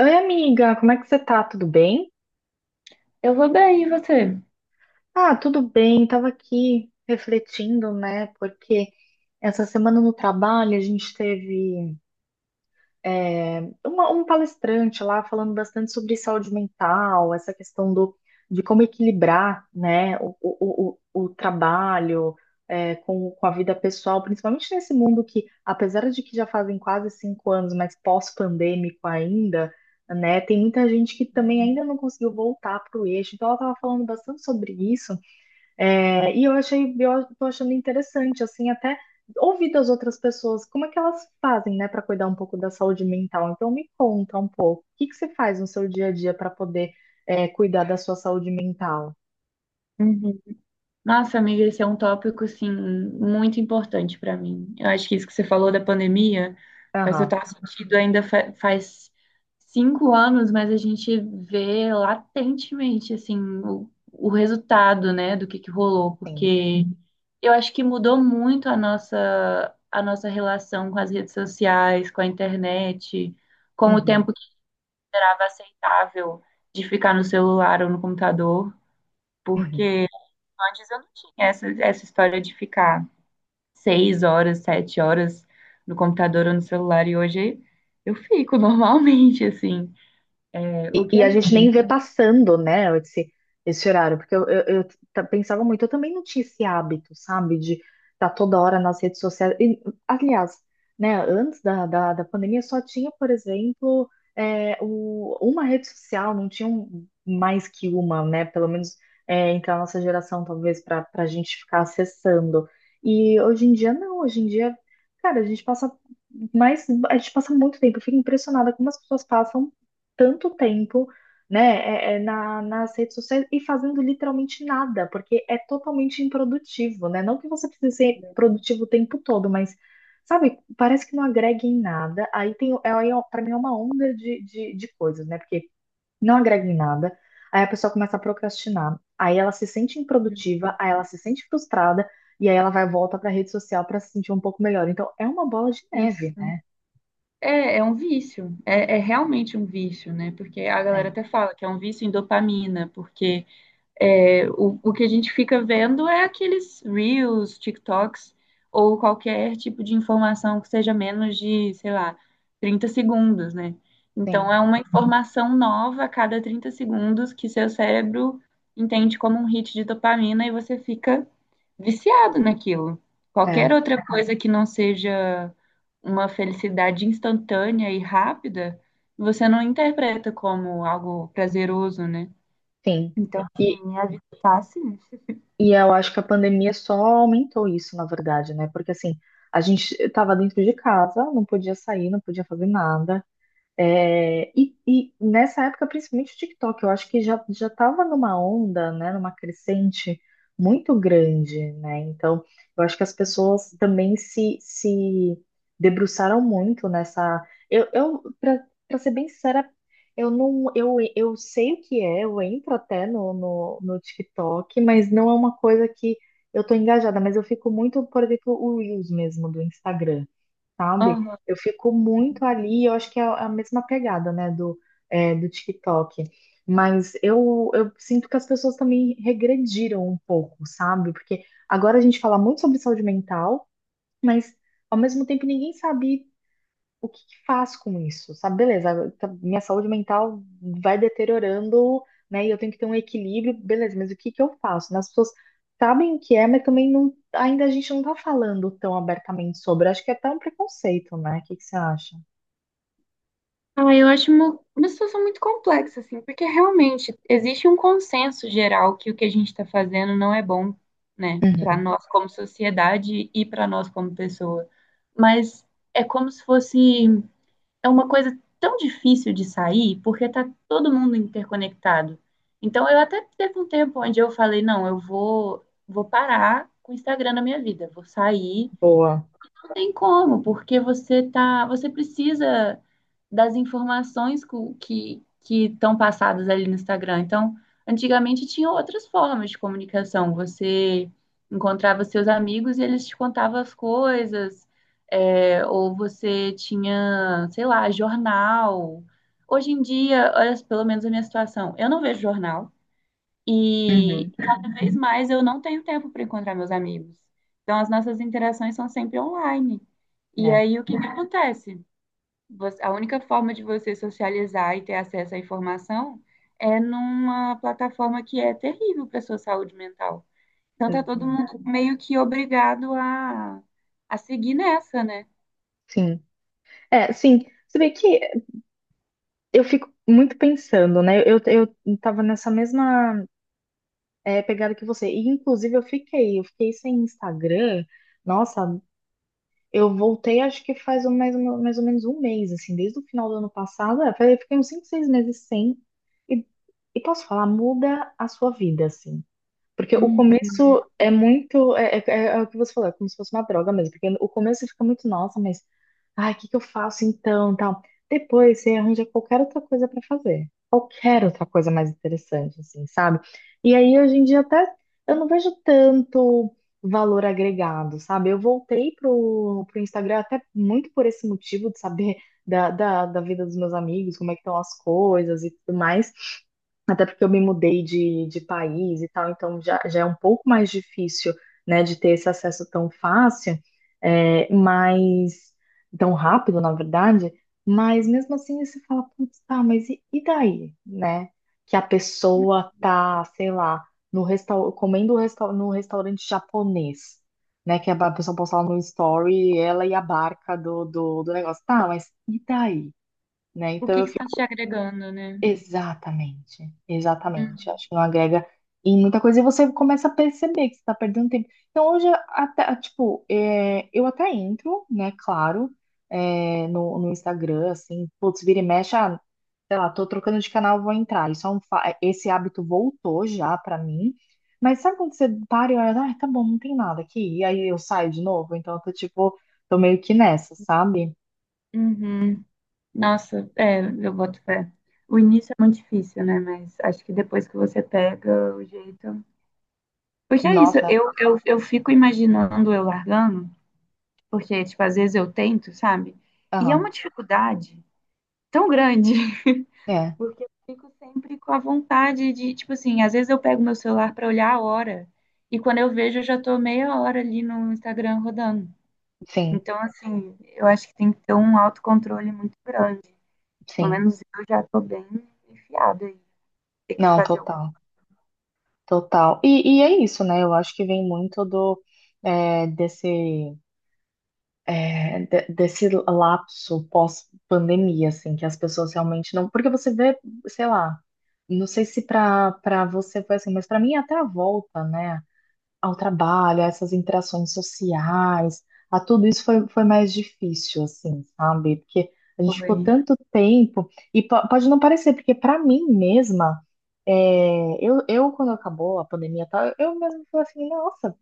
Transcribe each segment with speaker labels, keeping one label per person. Speaker 1: Oi, amiga, como é que você tá? Tudo bem?
Speaker 2: Eu vou bem, e você?
Speaker 1: Ah, tudo bem. Tava aqui refletindo, né? Porque essa semana no trabalho a gente teve. Um palestrante lá falando bastante sobre saúde mental, essa questão do, de como equilibrar, né, o trabalho com a vida pessoal, principalmente nesse mundo que, apesar de que já fazem quase 5 anos, mas pós-pandêmico ainda, né, tem muita gente que também ainda não conseguiu voltar para o eixo. Então, ela estava falando bastante sobre isso. É, e eu tô achando interessante, assim, até ouvir das outras pessoas, como é que elas fazem, né, para cuidar um pouco da saúde mental. Então me conta um pouco, o que que você faz no seu dia a dia para poder cuidar da sua saúde mental?
Speaker 2: Uhum. Nossa, amiga, esse é um tópico, assim, muito importante para mim. Eu acho que isso que você falou da pandemia faz
Speaker 1: Aham,
Speaker 2: total sentido. Ainda faz 5 anos, mas a gente vê latentemente, assim, o resultado, né, do que rolou,
Speaker 1: sim.
Speaker 2: porque eu acho que mudou muito a a nossa relação com as redes sociais, com a internet, com o
Speaker 1: Uhum,
Speaker 2: tempo que era aceitável de ficar no celular ou no computador.
Speaker 1: uhum.
Speaker 2: Porque antes eu não tinha essa história de ficar 6 horas, 7 horas no computador ou no celular, e hoje eu fico normalmente, assim. É, o que
Speaker 1: E
Speaker 2: é
Speaker 1: a gente nem
Speaker 2: muito.
Speaker 1: vê passando, né, esse horário, porque eu pensava muito, eu também não tinha esse hábito, sabe, de estar toda hora nas redes sociais. E, aliás, né, antes da pandemia só tinha, por exemplo, uma rede social, não tinha mais que uma, né, pelo menos entre a nossa geração, talvez, para a gente ficar acessando. E hoje em dia, não, hoje em dia, cara, a gente passa muito tempo, eu fico impressionada como as pessoas passam tanto tempo, né, nas redes sociais e fazendo literalmente nada, porque é totalmente improdutivo, né? Não que você precise ser produtivo o tempo todo, mas, sabe, parece que não agrega em nada. Aí tem, aí, ó, pra mim é uma onda de coisas, né? Porque não agrega em nada, aí a pessoa começa a procrastinar, aí ela se sente improdutiva, aí ela se sente frustrada, e aí ela vai volta pra rede social pra se sentir um pouco melhor. Então, é uma bola de neve,
Speaker 2: Isso.
Speaker 1: né?
Speaker 2: É, é um vício. É, é realmente um vício, né? Porque a galera
Speaker 1: É,
Speaker 2: até fala que é um vício em dopamina, porque é, o que a gente fica vendo é aqueles Reels, TikToks, ou qualquer tipo de informação que seja menos de, sei lá, 30 segundos, né? Então,
Speaker 1: sim,
Speaker 2: é uma informação nova a cada 30 segundos que seu cérebro entende como um hit de dopamina e você fica viciado naquilo. Qualquer
Speaker 1: é,
Speaker 2: outra coisa que não seja uma felicidade instantânea e rápida, você não interpreta como algo prazeroso, né?
Speaker 1: sim.
Speaker 2: Então tinha de estar assim.
Speaker 1: E eu acho que a pandemia só aumentou isso, na verdade, né? Porque assim, a gente estava dentro de casa, não podia sair, não podia fazer nada. É, e nessa época, principalmente o TikTok, eu acho que já já estava numa onda, né, numa crescente muito grande, né? Então, eu acho que as pessoas também se debruçaram muito nessa. Eu para ser bem sincera, eu não eu, eu sei o que é, eu entro até no TikTok, mas não é uma coisa que eu tô engajada, mas eu fico muito, por exemplo, o Reels mesmo do Instagram sabe?
Speaker 2: Aham.
Speaker 1: Eu fico muito ali, eu acho que é a mesma pegada, né, do TikTok. Mas eu sinto que as pessoas também regrediram um pouco, sabe? Porque agora a gente fala muito sobre saúde mental, mas ao mesmo tempo ninguém sabe o que que faz com isso? Sabe, beleza, minha saúde mental vai deteriorando, né? E eu tenho que ter um equilíbrio, beleza, mas o que que eu faço? Né? As pessoas sabem o que é, mas também não, ainda a gente não tá falando tão abertamente sobre. Acho que é até um preconceito, né? O que que você acha?
Speaker 2: Ah, eu acho uma situação muito complexa, assim, porque realmente existe um consenso geral que o que a gente está fazendo não é bom, né, para
Speaker 1: Uhum.
Speaker 2: nós como sociedade e para nós como pessoa. Mas é como se fosse, é uma coisa tão difícil de sair, porque tá todo mundo interconectado. Então, eu até teve um tempo onde eu falei, não, eu vou, parar com o Instagram na minha vida, vou sair.
Speaker 1: Boa.
Speaker 2: Não tem como, porque você tá, você precisa das informações que estão passadas ali no Instagram. Então, antigamente tinha outras formas de comunicação. Você encontrava seus amigos e eles te contavam as coisas, é, ou você tinha, sei lá, jornal. Hoje em dia, olha, pelo menos a minha situação, eu não vejo jornal. E
Speaker 1: Uhum.
Speaker 2: cada vez mais eu não tenho tempo para encontrar meus amigos. Então as nossas interações são sempre online. E
Speaker 1: É,
Speaker 2: aí o que que acontece? Você- a única forma de você socializar e ter acesso à informação é numa plataforma que é terrível para sua saúde mental. Então tá todo
Speaker 1: exatamente.
Speaker 2: mundo meio que obrigado a seguir nessa, né?
Speaker 1: Sim. É, sim. Você vê que eu fico muito pensando, né? Eu tava nessa mesma pegada que você. E, inclusive, eu fiquei sem Instagram. Nossa, eu voltei, acho que faz mais, mais ou menos 1 mês, assim, desde o final do ano passado. É, falei, fiquei uns 5 6 meses sem. E, e posso falar, muda a sua vida, assim. Porque o
Speaker 2: Hum.
Speaker 1: começo é muito. É, é o que você falou, é como se fosse uma droga mesmo. Porque o começo você fica muito, nossa, mas. Ai, o que que eu faço então? Tal. Depois você arranja qualquer outra coisa pra fazer quero outra coisa mais interessante, assim, sabe? E aí, hoje em dia, até eu não vejo tanto valor agregado, sabe? Eu voltei pro Instagram até muito por esse motivo de saber da vida dos meus amigos, como é que estão as coisas e tudo mais. Até porque eu me mudei de país e tal, então já é um pouco mais difícil, né, de ter esse acesso tão fácil, é, mas tão rápido, na verdade. Mas mesmo assim você fala, putz, tá, mas e daí, né? Que a pessoa tá, sei lá, no restau comendo resta no restaurante japonês, né? Que a pessoa posta lá no story, ela e a barca do negócio. Tá, mas e daí? Né?
Speaker 2: O
Speaker 1: Então
Speaker 2: que
Speaker 1: eu
Speaker 2: que está te
Speaker 1: fico
Speaker 2: agregando, né?
Speaker 1: exatamente, exatamente.
Speaker 2: Hum.
Speaker 1: Acho que não agrega em muita coisa e você começa a perceber que você está perdendo tempo. Então, hoje, até, tipo, é, eu até entro, né, claro, no, no Instagram, assim, putz, vira e mexe, ah, sei lá, tô trocando de canal, vou entrar. Isso é um, esse hábito voltou já pra mim. Mas sabe quando você para e olha, ah, tá bom, não tem nada aqui, e aí eu saio de novo? Então, eu tô, tipo, tô meio que nessa, sabe?
Speaker 2: Uhum. Nossa, é, eu boto fé. O início é muito difícil, né? Mas acho que depois que você pega o jeito. Porque é isso,
Speaker 1: Nossa,
Speaker 2: eu fico imaginando eu largando, porque, tipo, às vezes eu tento, sabe? E é
Speaker 1: aham,
Speaker 2: uma dificuldade tão grande,
Speaker 1: é,
Speaker 2: porque eu fico sempre com a vontade de, tipo assim, às vezes eu pego meu celular pra olhar a hora, e quando eu vejo, eu já tô meia hora ali no Instagram rodando.
Speaker 1: sim,
Speaker 2: Então, assim, eu acho que tem que ter um autocontrole muito grande. Pelo
Speaker 1: sim.
Speaker 2: menos eu já tô bem enfiada. Tem que
Speaker 1: Não,
Speaker 2: fazer o
Speaker 1: total. Total. E é isso, né? Eu acho que vem muito do é, desse desse lapso pós-pandemia, assim, que as pessoas realmente não. Porque você vê, sei lá, não sei se pra para você foi assim, mas pra mim até a volta, né? Ao trabalho, a essas interações sociais, a tudo isso foi, foi mais difícil, assim, sabe? Porque a gente
Speaker 2: fogo
Speaker 1: ficou
Speaker 2: aí.
Speaker 1: tanto tempo, e pode não parecer, porque para mim mesma, eu, quando acabou a pandemia e tal, eu mesma falei assim, nossa,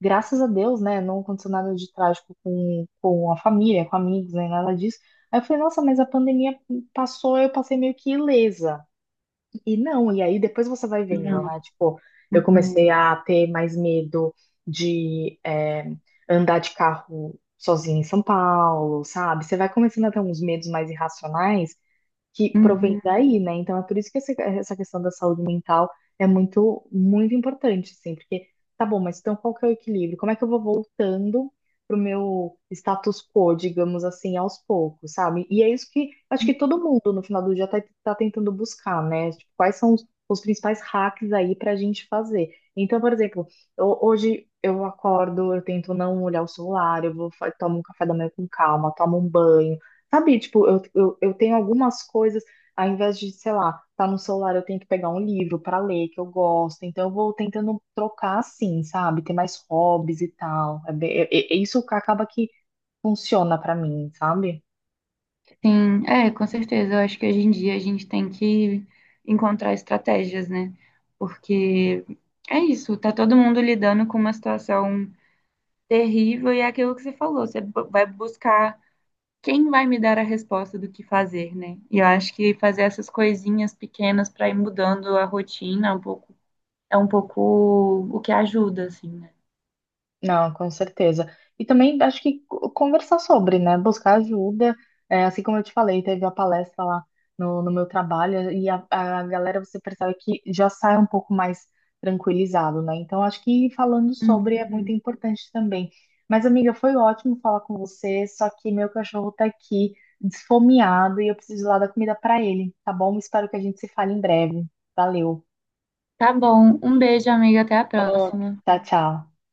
Speaker 1: graças a Deus, né? Não aconteceu nada de trágico com a família, com amigos, nem nada disso. Aí eu falei, nossa, mas a pandemia passou, eu passei meio que ilesa. E não, e aí depois você vai vendo,
Speaker 2: Não.
Speaker 1: né? Tipo, eu comecei
Speaker 2: Uhum.
Speaker 1: a ter mais medo de andar de carro sozinha em São Paulo, sabe? Você vai começando a ter uns medos mais irracionais que provém
Speaker 2: Uhum.
Speaker 1: daí, né? Então é por isso que essa questão da saúde mental é muito, muito importante, assim, porque tá bom, mas então qual que é o equilíbrio? Como é que eu vou voltando pro meu status quo, digamos assim, aos poucos, sabe? E é isso que acho que todo mundo no final do dia tá tentando buscar, né? Tipo, quais são os principais hacks aí pra gente fazer? Então, por exemplo, hoje eu acordo, eu tento não olhar o celular, eu tomo um café da manhã com calma, tomo um banho. Sabe, tipo, eu tenho algumas coisas, ao invés de, sei lá, tá no celular, eu tenho que pegar um livro para ler que eu gosto. Então eu vou tentando trocar assim, sabe? Ter mais hobbies e tal. É, é isso acaba que funciona para mim, sabe?
Speaker 2: Sim, é, com certeza. Eu acho que hoje em dia a gente tem que encontrar estratégias, né? Porque é isso, tá todo mundo lidando com uma situação terrível e é aquilo que você falou, você vai buscar quem vai me dar a resposta do que fazer, né? E eu acho que fazer essas coisinhas pequenas para ir mudando a rotina é um pouco o que ajuda, assim, né?
Speaker 1: Não, com certeza. E também acho que conversar sobre, né? Buscar ajuda. É, assim como eu te falei, teve a palestra lá no meu trabalho e a galera, você percebe que já sai um pouco mais tranquilizado, né? Então acho que falando sobre
Speaker 2: Hum.
Speaker 1: é muito importante também. Mas, amiga, foi ótimo falar com você, só que meu cachorro tá aqui desfomeado e eu preciso lá da comida pra ele, tá bom? Espero que a gente se fale em breve. Valeu.
Speaker 2: Tá bom, um beijo, amiga, até a próxima.
Speaker 1: Tchau, tchau.